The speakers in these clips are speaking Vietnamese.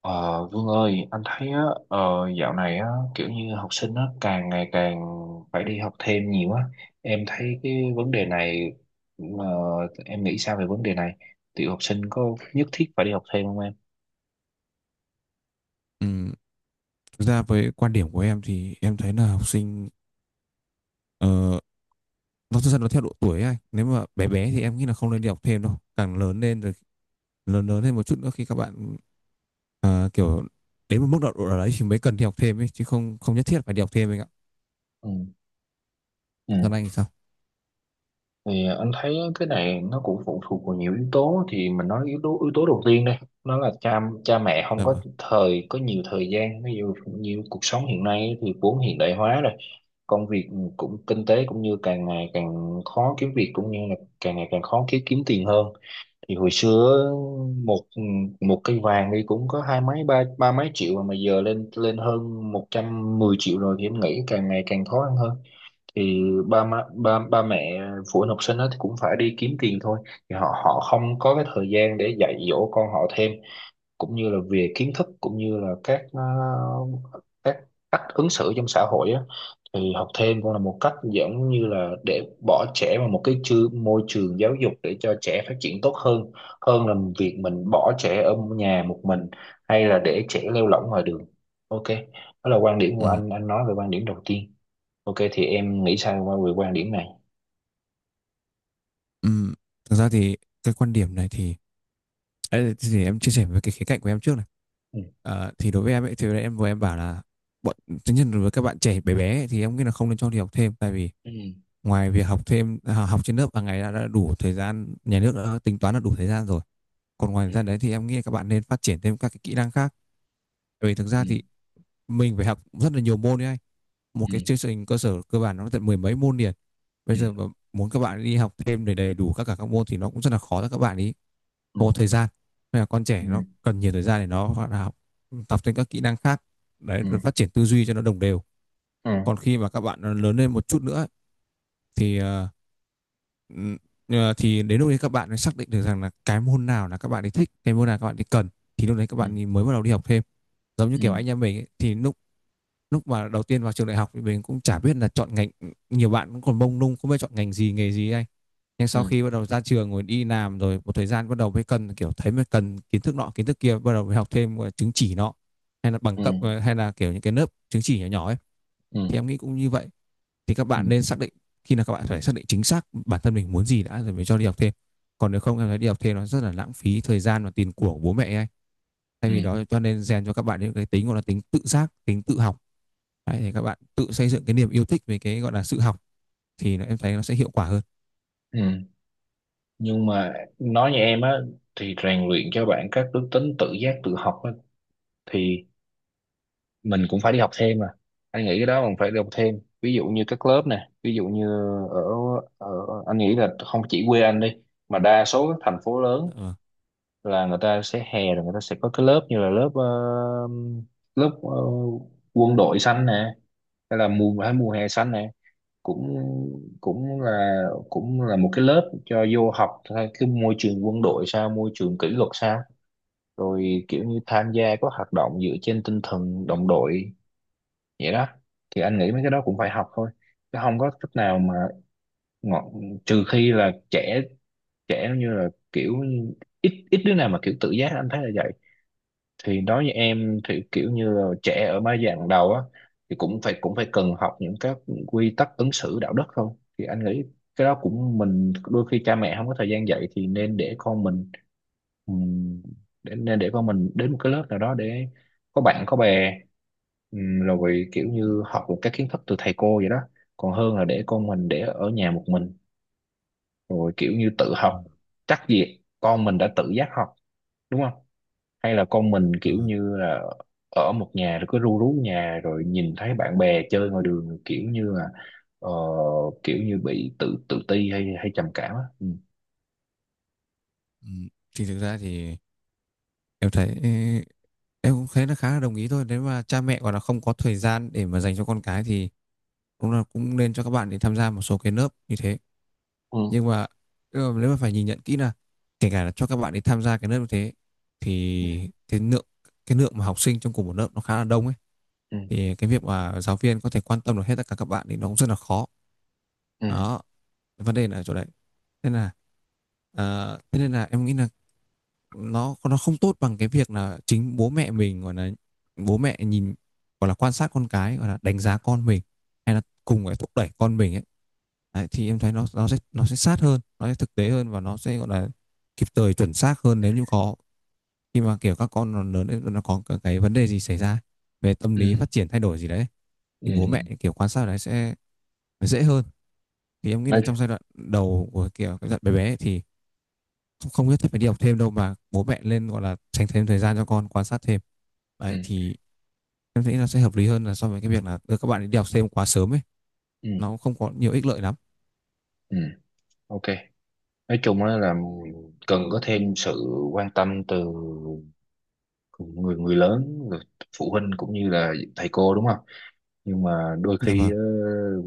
Ờ, Vương ơi, anh thấy á, ờ, dạo này á, kiểu như học sinh á, càng ngày càng phải đi học thêm nhiều á. Em thấy cái vấn đề này, ờ, em nghĩ sao về vấn đề này? Tiểu học sinh có nhất thiết phải đi học thêm không em? Ừm, thực ra với quan điểm của em thì em thấy là học sinh, ờ, nó thực ra nó theo độ tuổi ấy anh. Nếu mà bé bé thì em nghĩ là không nên đi học thêm đâu, càng lớn lên rồi lớn lớn lên một chút nữa, khi các bạn ờ, kiểu đến một mức độ độ nào đấy thì mới cần đi học thêm ấy, chứ không không nhất thiết phải đi học thêm anh ạ. Ừ. Còn Ừ. anh thì sao? Thì anh thấy cái này nó cũng phụ thuộc vào nhiều yếu tố, thì mình nói yếu tố đầu tiên đây, nó là cha cha mẹ không Dạ có vâng. thời, có nhiều thời gian. Ví dụ như cuộc sống hiện nay thì vốn hiện đại hóa rồi, công việc cũng, kinh tế cũng, như càng ngày càng khó kiếm việc, cũng như là càng ngày càng khó kiếm kiếm tiền hơn. Thì hồi xưa một một cây vàng đi cũng có hai mấy, ba ba mấy triệu, mà giờ lên lên hơn 110 triệu rồi, thì em nghĩ càng ngày càng khó ăn hơn. Thì ba má, ba ba mẹ, phụ huynh học sinh đó thì cũng phải đi kiếm tiền thôi. Thì họ họ không có cái thời gian để dạy dỗ con họ thêm, cũng như là về kiến thức, cũng như là các các cách ứng xử trong xã hội á. Thì học thêm cũng là một cách, giống như là để bỏ trẻ vào một cái môi trường giáo dục để cho trẻ phát triển tốt hơn, hơn là việc mình bỏ trẻ ở nhà một mình, hay là để trẻ lêu lỏng ngoài đường. Ok, đó là quan điểm của Ừm, anh nói về quan điểm đầu tiên. Ok, thì em nghĩ sao qua về quan điểm này? ừm. Thực ra thì cái quan điểm này thì ấy, thì em chia sẻ với cái khía cạnh của em trước này. Ừ. Ờ, thì đối với em ấy thì em vừa em bảo là bọn tất nhiên là với các bạn trẻ bé bé ấy, thì em nghĩ là không nên cho đi học thêm. Tại vì Ừ. ngoài việc học thêm à, học trên lớp hàng ngày đã đủ thời gian, nhà nước đã tính toán là đủ thời gian rồi. Còn ngoài ra đấy thì em nghĩ các bạn nên phát triển thêm các cái kỹ năng khác. Bởi vì thực Ừ. ra thì mình phải học rất là nhiều môn đấy anh. Một Ừ. cái chương trình cơ sở cơ bản nó tận mười mấy môn liền. Bây Ừ. giờ mà muốn các bạn đi học thêm để đầy đủ các cả các môn thì nó cũng rất là khó cho các bạn ý. Không có thời gian. Nên là con trẻ Ừ. nó cần nhiều thời gian để nó gọi là học tập thêm các kỹ năng khác. Đấy, Ừ. phát triển tư duy cho nó đồng đều. Ừ. Còn khi mà các bạn lớn lên một chút nữa thì ờ, thì đến lúc đấy các bạn mới xác định được rằng là cái môn nào là các bạn ấy thích, cái môn nào các bạn ấy cần, thì lúc đấy các Ừ. bạn ấy mới bắt đầu đi học thêm. Giống như Ừ. Ừ. kiểu anh em mình ấy, thì lúc lúc mà đầu tiên vào trường đại học thì mình cũng chả biết là chọn ngành, nhiều bạn cũng còn mông lung không biết chọn ngành gì nghề gì ấy anh. Nhưng sau Ừ. khi bắt đầu ra trường rồi đi làm rồi một thời gian, bắt đầu mới cần kiểu thấy mới cần kiến thức nọ kiến thức kia, bắt đầu mới học thêm gọi là chứng chỉ nọ hay là bằng Ừ. cấp, hay là kiểu những cái lớp chứng chỉ nhỏ nhỏ ấy, Ừ. thì em nghĩ cũng như vậy. Thì các Ừ. bạn nên xác định, khi nào các bạn phải xác định chính xác bản thân mình muốn gì đã rồi mới cho đi học thêm. Còn nếu không em thấy đi học thêm nó rất là lãng phí thời gian và tiền của bố mẹ ấy. Thay Ừ. vì đó cho nên rèn cho các bạn những cái tính gọi là tính tự giác, tính tự học. Đấy, thì các bạn tự xây dựng cái niềm yêu thích về cái gọi là sự học, thì nó, em thấy nó sẽ hiệu quả hơn. Ừ. Nhưng mà nói như em á, thì rèn luyện cho bạn các đức tính tự giác, tự học á, thì mình cũng phải đi học thêm mà. Anh nghĩ cái đó mình phải đi học thêm. Ví dụ như các lớp nè, ví dụ như ở ở anh nghĩ là không chỉ quê anh đi, mà đa số các thành phố lớn Ờ. là người ta sẽ, hè rồi người ta sẽ có cái lớp như là lớp lớp quân đội xanh nè, hay là mùa hè xanh nè, cũng cũng là cũng là một cái lớp cho vô học theo cái môi trường quân đội sao, môi trường kỷ luật sao, rồi kiểu như tham gia có hoạt động dựa trên tinh thần đồng đội vậy đó. Thì anh nghĩ mấy cái đó cũng phải học thôi, chứ không có cách nào mà, ngọn trừ khi là trẻ, trẻ như là kiểu ít ít đứa nào mà kiểu tự giác, anh thấy là vậy. Thì đối với em thì kiểu như là trẻ ở mấy giai đoạn đầu á, thì cũng phải cần học những quy tắc ứng xử đạo đức thôi. Thì anh nghĩ cái đó cũng, mình, đôi khi cha mẹ không có thời gian dạy thì nên để con mình, ừm, nên để con mình đến một cái lớp nào đó để có bạn có bè, rồi kiểu như học được các kiến thức từ thầy cô vậy đó, còn hơn là để con mình để ở nhà một mình, rồi kiểu như tự học, chắc gì con mình đã tự giác học, đúng không? Hay là con mình Ừ. kiểu như là ở một nhà rồi cứ ru rú nhà, rồi nhìn thấy bạn bè chơi ngoài đường, kiểu như là ờ, kiểu như bị tự tự ti, hay hay trầm cảm á. Ừ. Ừ. Thì thực ra thì em thấy em cũng thấy nó khá là đồng ý thôi. Nếu mà cha mẹ còn là không có thời gian để mà dành cho con cái thì cũng là cũng nên cho các bạn để tham gia một số cái lớp như thế. Ừ. nhưng mà nhưng mà nếu mà phải nhìn nhận kỹ là kể cả là cho các bạn đi tham gia cái lớp như thế, thì cái lượng mà học sinh trong cùng một lớp nó khá là đông ấy, Ừ. thì cái việc mà giáo viên có thể quan tâm được hết tất cả các bạn thì nó cũng rất là khó. Ừ. Ừ. Đó, vấn đề là ở chỗ đấy. Nên là thế nên là em nghĩ là nó không tốt bằng cái việc là chính bố mẹ mình gọi là, bố mẹ nhìn gọi là quan sát con cái, gọi là đánh giá con mình, hay là cùng phải thúc đẩy con mình ấy. Đấy, thì em thấy nó sẽ sát hơn, nó sẽ thực tế hơn, và nó sẽ gọi là kịp thời chuẩn xác hơn nếu như có khi mà kiểu các con nó lớn lên nó có cái vấn đề gì xảy ra về tâm lý Ừ. phát triển thay đổi gì đấy, Ừ. thì bố Ừ. mẹ kiểu quan sát đấy sẽ dễ hơn. Thì em nghĩ là nói trong giai đoạn đầu của kiểu cái giai đoạn bé bé ấy thì không, không biết phải đi học thêm đâu mà bố mẹ lên gọi là dành thêm thời gian cho con, quan sát thêm. Ừ, Đấy, thì em nghĩ là sẽ hợp lý hơn là so với cái việc là đưa các bạn ấy đi học thêm quá sớm ấy, ừ, nó không có nhiều ích lợi lắm. ừ, ok. Nói chung á là cần có thêm sự quan tâm từ người người lớn, người phụ huynh, cũng như là thầy cô, đúng không? Nhưng mà đôi Dạ khi vâng.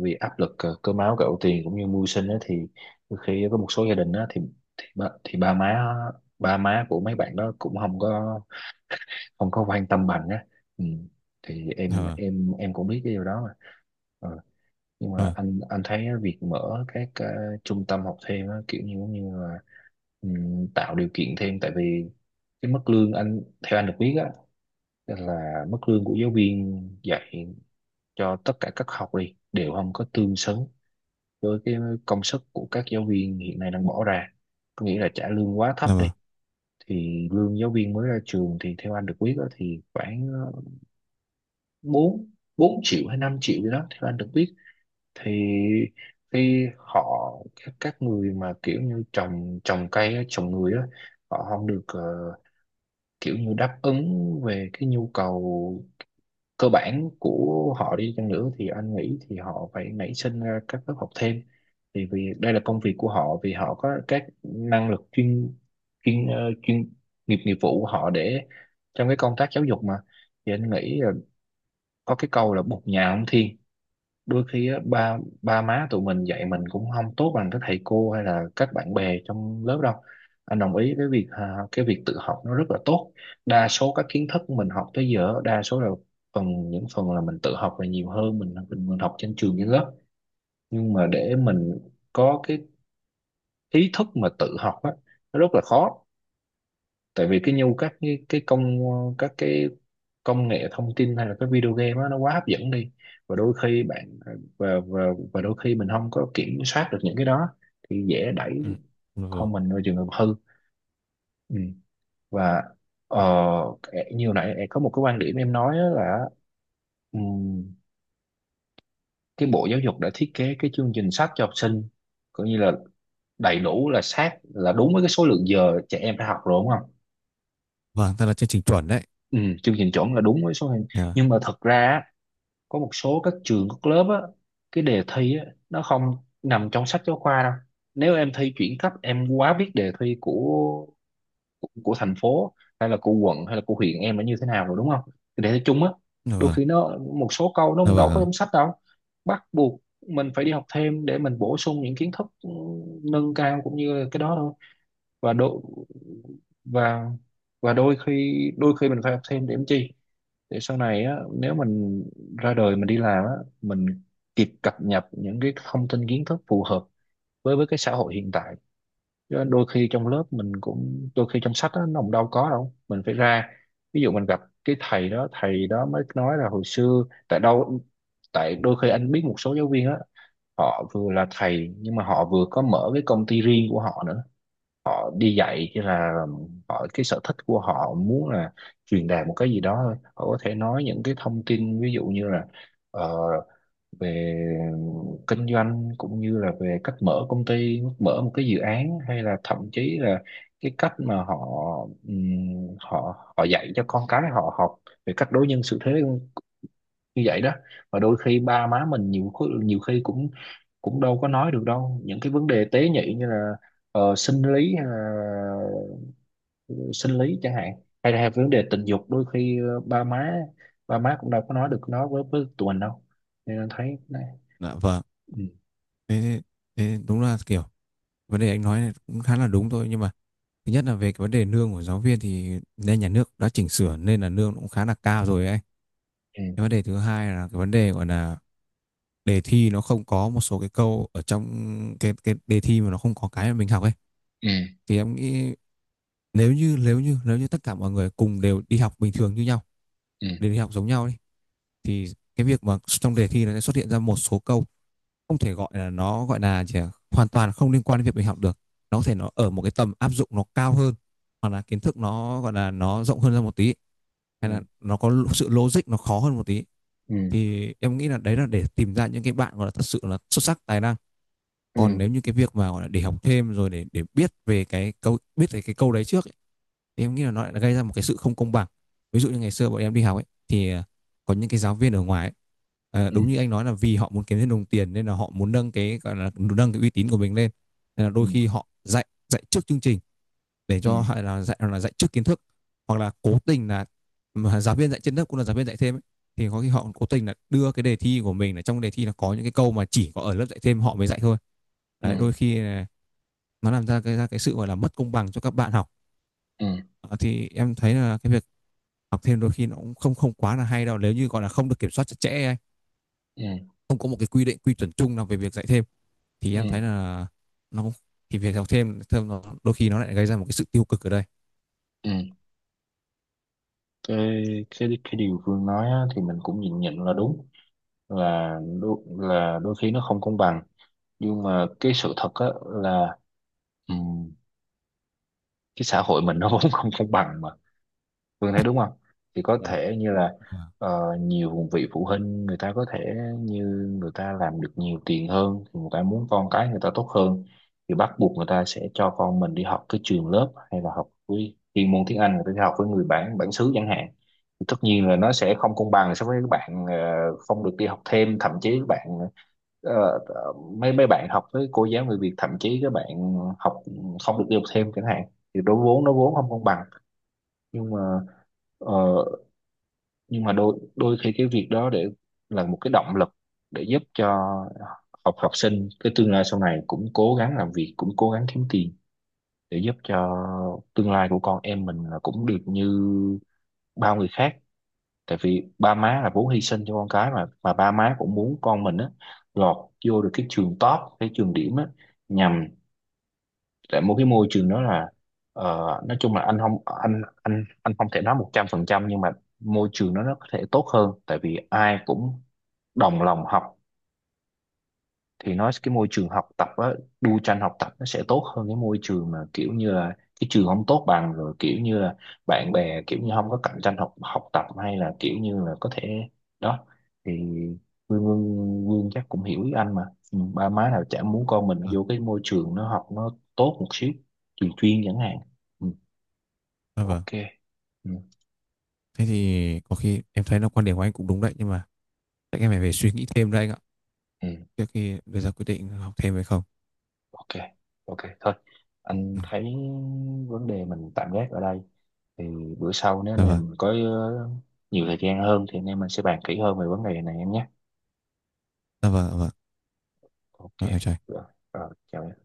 vì áp lực cơm áo gạo tiền cũng như mưu sinh á, thì đôi khi có một số gia đình á, thì thì ba má, ba má của mấy bạn đó cũng không có quan tâm bằng á. Ừ. Thì Dạ em vâng. em em cũng biết cái điều đó mà. Ờ, nhưng mà Dạ vâng. anh thấy á, việc mở các trung tâm học thêm á, kiểu như giống như là tạo điều kiện thêm. Tại vì cái mức lương, anh theo anh được biết á, là mức lương của giáo viên dạy cho tất cả các học đi đều không có tương xứng với cái công sức của các giáo viên hiện nay đang bỏ ra, có nghĩa là trả lương quá thấp Dạ đi. vâng. Thì lương giáo viên mới ra trường thì theo anh được biết đó, thì khoảng ờ, 4 4 triệu hay 5 triệu gì đó theo anh được biết. Thì khi họ, các người mà kiểu như trồng trồng cây á, trồng người á, họ không được kiểu như đáp ứng về cái nhu cầu cơ bản của họ đi chăng nữa, thì anh nghĩ thì họ phải nảy sinh ra các lớp học thêm. Thì vì đây là công việc của họ, vì họ có các năng lực chuyên chuyên ờ, chuyên nghiệp, nghiệp vụ của họ để trong cái công tác giáo dục mà. Thì anh nghĩ là có cái câu là bụt nhà không thiên. Đôi khi á, ba ba má tụi mình dạy mình cũng không tốt bằng các thầy cô hay là các bạn bè trong lớp đâu. Anh đồng ý với việc à, cái việc tự học nó rất là tốt. Đa số các kiến thức mình học tới giờ đa số là những phần là mình tự học là nhiều hơn mình học trên trường trên lớp. Nhưng mà để mình có cái ý thức mà tự học á, nó rất là khó. Tại vì cái nhu các cái công nghệ thông tin hay là cái video game đó, nó quá hấp dẫn đi. Và đôi khi bạn ờ, và đôi khi mình không có kiểm soát được những cái đó, thì dễ Ừ. đẩy Dạ vâng. con mình vào trường hợp hư. Ừ. và ờ, Ừ. Như hồi nãy có một cái quan điểm em nói á là ừm, cái bộ giáo dục đã thiết kế cái chương trình sách cho học sinh coi như là đầy đủ, là sát, là đúng với cái số lượng giờ trẻ em phải học rồi, đúng không? Vâng, thật là chương trình chuẩn đấy. Ừ, chương trình chuẩn là đúng với số lượng. Dạ. Nhưng mà thật ra á, có một số các trường, các lớp á, cái đề thi á nó không nằm trong sách giáo khoa đâu. Nếu em thi chuyển cấp em quá biết đề thi của của thành phố, hay là của quận, hay là của huyện em nó như thế nào rồi, đúng không, cái đề thi chung á. Dạ Đôi vâng. khi nó một số câu nó Dạ đâu có vâng. trong sách đâu, bắt buộc mình phải đi học thêm để mình bổ sung những kiến thức nâng cao, cũng như là cái đó thôi. Và đôi và và đôi khi mình phải học thêm để làm chi, để sau này á, nếu mình ra đời mình đi làm á, mình kịp cập nhật những cái thông tin kiến thức phù hợp với cái xã hội hiện tại. Chứ đôi khi trong lớp mình cũng, đôi khi trong sách á, nó cũng đâu có đâu, mình phải ra. Ví dụ mình gặp cái thầy đó, mới nói là hồi xưa tại đâu. Tại đôi khi anh biết một số giáo viên á, họ vừa là thầy nhưng mà họ vừa có mở cái công ty riêng của họ nữa. Đi dạy chỉ là họ, cái sở thích của họ muốn là truyền đạt một cái gì đó thôi. Họ có thể nói những cái thông tin, ví dụ như là ờ, về kinh doanh, cũng như là về cách mở công ty, mở một cái dự án, hay là thậm chí là cái cách mà họ họ họ dạy cho con cái họ học về cách đối nhân xử thế như vậy đó. Và đôi khi ba má mình nhiều khi cũng cũng đâu có nói được đâu những cái vấn đề tế nhị, như là ờ, sinh lý hay là sinh lý chẳng hạn, hay là vấn đề tình dục. Đôi khi ba má cũng đâu có nói được nó với tụi mình đâu, nên anh thấy nó-. Dạ vâng. Ừ. Thế, thế, thế đúng là kiểu vấn đề anh nói này cũng khá là đúng thôi, nhưng mà thứ nhất là về cái vấn đề lương của giáo viên thì nên nhà nước đã chỉnh sửa nên là lương cũng khá là cao rồi ấy. Ừ. Cái vấn đề thứ hai là cái vấn đề gọi là đề thi nó không có một số cái câu ở trong cái đề thi mà nó không có cái mà mình học ấy. Ừ. Thì em nghĩ, nếu như tất cả mọi người cùng đều đi học bình thường như nhau, Ừ. đều đi học giống nhau đi, thì cái việc mà trong đề thi nó sẽ xuất hiện ra một số câu không thể gọi là, nó gọi là chỉ là hoàn toàn không liên quan đến việc mình học được, nó có thể nó ở một cái tầm áp dụng nó cao hơn, hoặc là kiến thức nó gọi là nó rộng hơn ra một tí, hay là nó có sự logic nó khó hơn một tí, Ừ. thì em nghĩ là đấy là để tìm ra những cái bạn gọi là thật sự là xuất sắc tài năng. Còn Ừ. nếu như cái việc mà gọi là để học thêm rồi để biết về cái câu đấy trước ấy, thì em nghĩ là nó lại gây ra một cái sự không công bằng. Ví dụ như ngày xưa bọn em đi học ấy thì có những cái giáo viên ở ngoài ấy, à, Ừ. đúng như Ừ. anh nói là vì họ muốn kiếm thêm đồng tiền nên là họ muốn nâng cái gọi là nâng cái uy tín của mình lên, nên là đôi khi họ dạy dạy trước chương trình, để Ừ. cho hay là dạy trước kiến thức, hoặc là cố tình là giáo viên dạy trên lớp cũng là giáo viên dạy thêm ấy. Thì có khi họ cố tình là đưa cái đề thi của mình là trong đề thi là có những cái câu mà chỉ có ở lớp dạy thêm họ mới dạy thôi. Ừ. Đấy, Ừ. đôi khi nó làm ra cái sự gọi là mất công bằng cho các bạn học. Ừ. Ờ, thì em thấy là cái việc học thêm đôi khi nó cũng không không quá là hay đâu nếu như gọi là không được kiểm soát chặt chẽ, Ừ. không có một cái quy định quy chuẩn chung nào về việc dạy thêm, thì em Ừ. thấy là nó thì việc học thêm thêm nó đôi khi nó lại gây ra một cái sự tiêu cực ở đây. Ừ. cái cái điều Phương nói á, thì mình cũng nhìn nhận là đúng, là đôi khi nó không công bằng. Nhưng mà cái sự thật á là ừm, cái xã hội mình nó vốn không công bằng mà, Phương thấy đúng không? Thì có Vâng. thể như là Ờ. Nhiều vị phụ huynh người ta có thể như người ta làm được nhiều tiền hơn thì người ta muốn con cái người ta tốt hơn, thì bắt buộc người ta sẽ cho con mình đi học cái trường lớp, hay là học với chuyên môn tiếng Anh người ta đi học với người bản bản xứ chẳng hạn. Thì tất nhiên là nó sẽ không công bằng so với các bạn không được đi học thêm, thậm chí các bạn ờ, ờ, mấy mấy bạn học với cô giáo người Việt, thậm chí các bạn học không được đi học thêm chẳng hạn, thì đối vốn nó vốn không công bằng. Nhưng mà ờ, đôi đôi khi cái việc đó để là một cái động lực để giúp cho học học sinh, cái tương lai sau này cũng cố gắng làm việc, cũng cố gắng kiếm tiền để giúp cho tương lai của con em mình là cũng được như bao người khác. Tại vì ba má là vốn hy sinh cho con cái mà, ba má cũng muốn con mình á lọt vô được cái trường top, cái trường điểm á, nhằm tại một cái môi trường đó là ờ, nói chung là anh không thể nói 100%. Nhưng mà môi trường đó nó có thể tốt hơn, tại vì ai cũng đồng lòng học. Thì nói cái môi trường học tập á, đu tranh học tập nó sẽ tốt hơn cái môi trường mà kiểu như là cái trường không tốt bằng, rồi kiểu như là bạn bè kiểu như không có cạnh tranh học học tập, hay là kiểu như là có thể, đó. Thì Vương Vương, Vương chắc cũng hiểu ý anh mà. Ừ, ba má nào chả muốn con mình Ờ, vô cái môi trường nó học nó tốt một xíu, trường chuyên chẳng hạn. Ừ, à, vâng. ok. Ừ, Thế thì có khi em thấy là quan điểm của anh cũng đúng đấy, nhưng mà chắc em phải về suy nghĩ thêm đấy anh ạ, ừ. trước khi đưa ra quyết định học thêm hay không. Ok. Ok thôi, anh Ừ. thấy vấn đề mình tạm gác ở đây. Thì bữa sau nếu anh Dạ vâng, em có nhiều thời gian hơn thì anh em mình sẽ bàn kỹ hơn về vấn đề này em nhé. dạ vâng, dạ vâng. Ok. Rồi, em chào anh. Rồi, rồi chào em.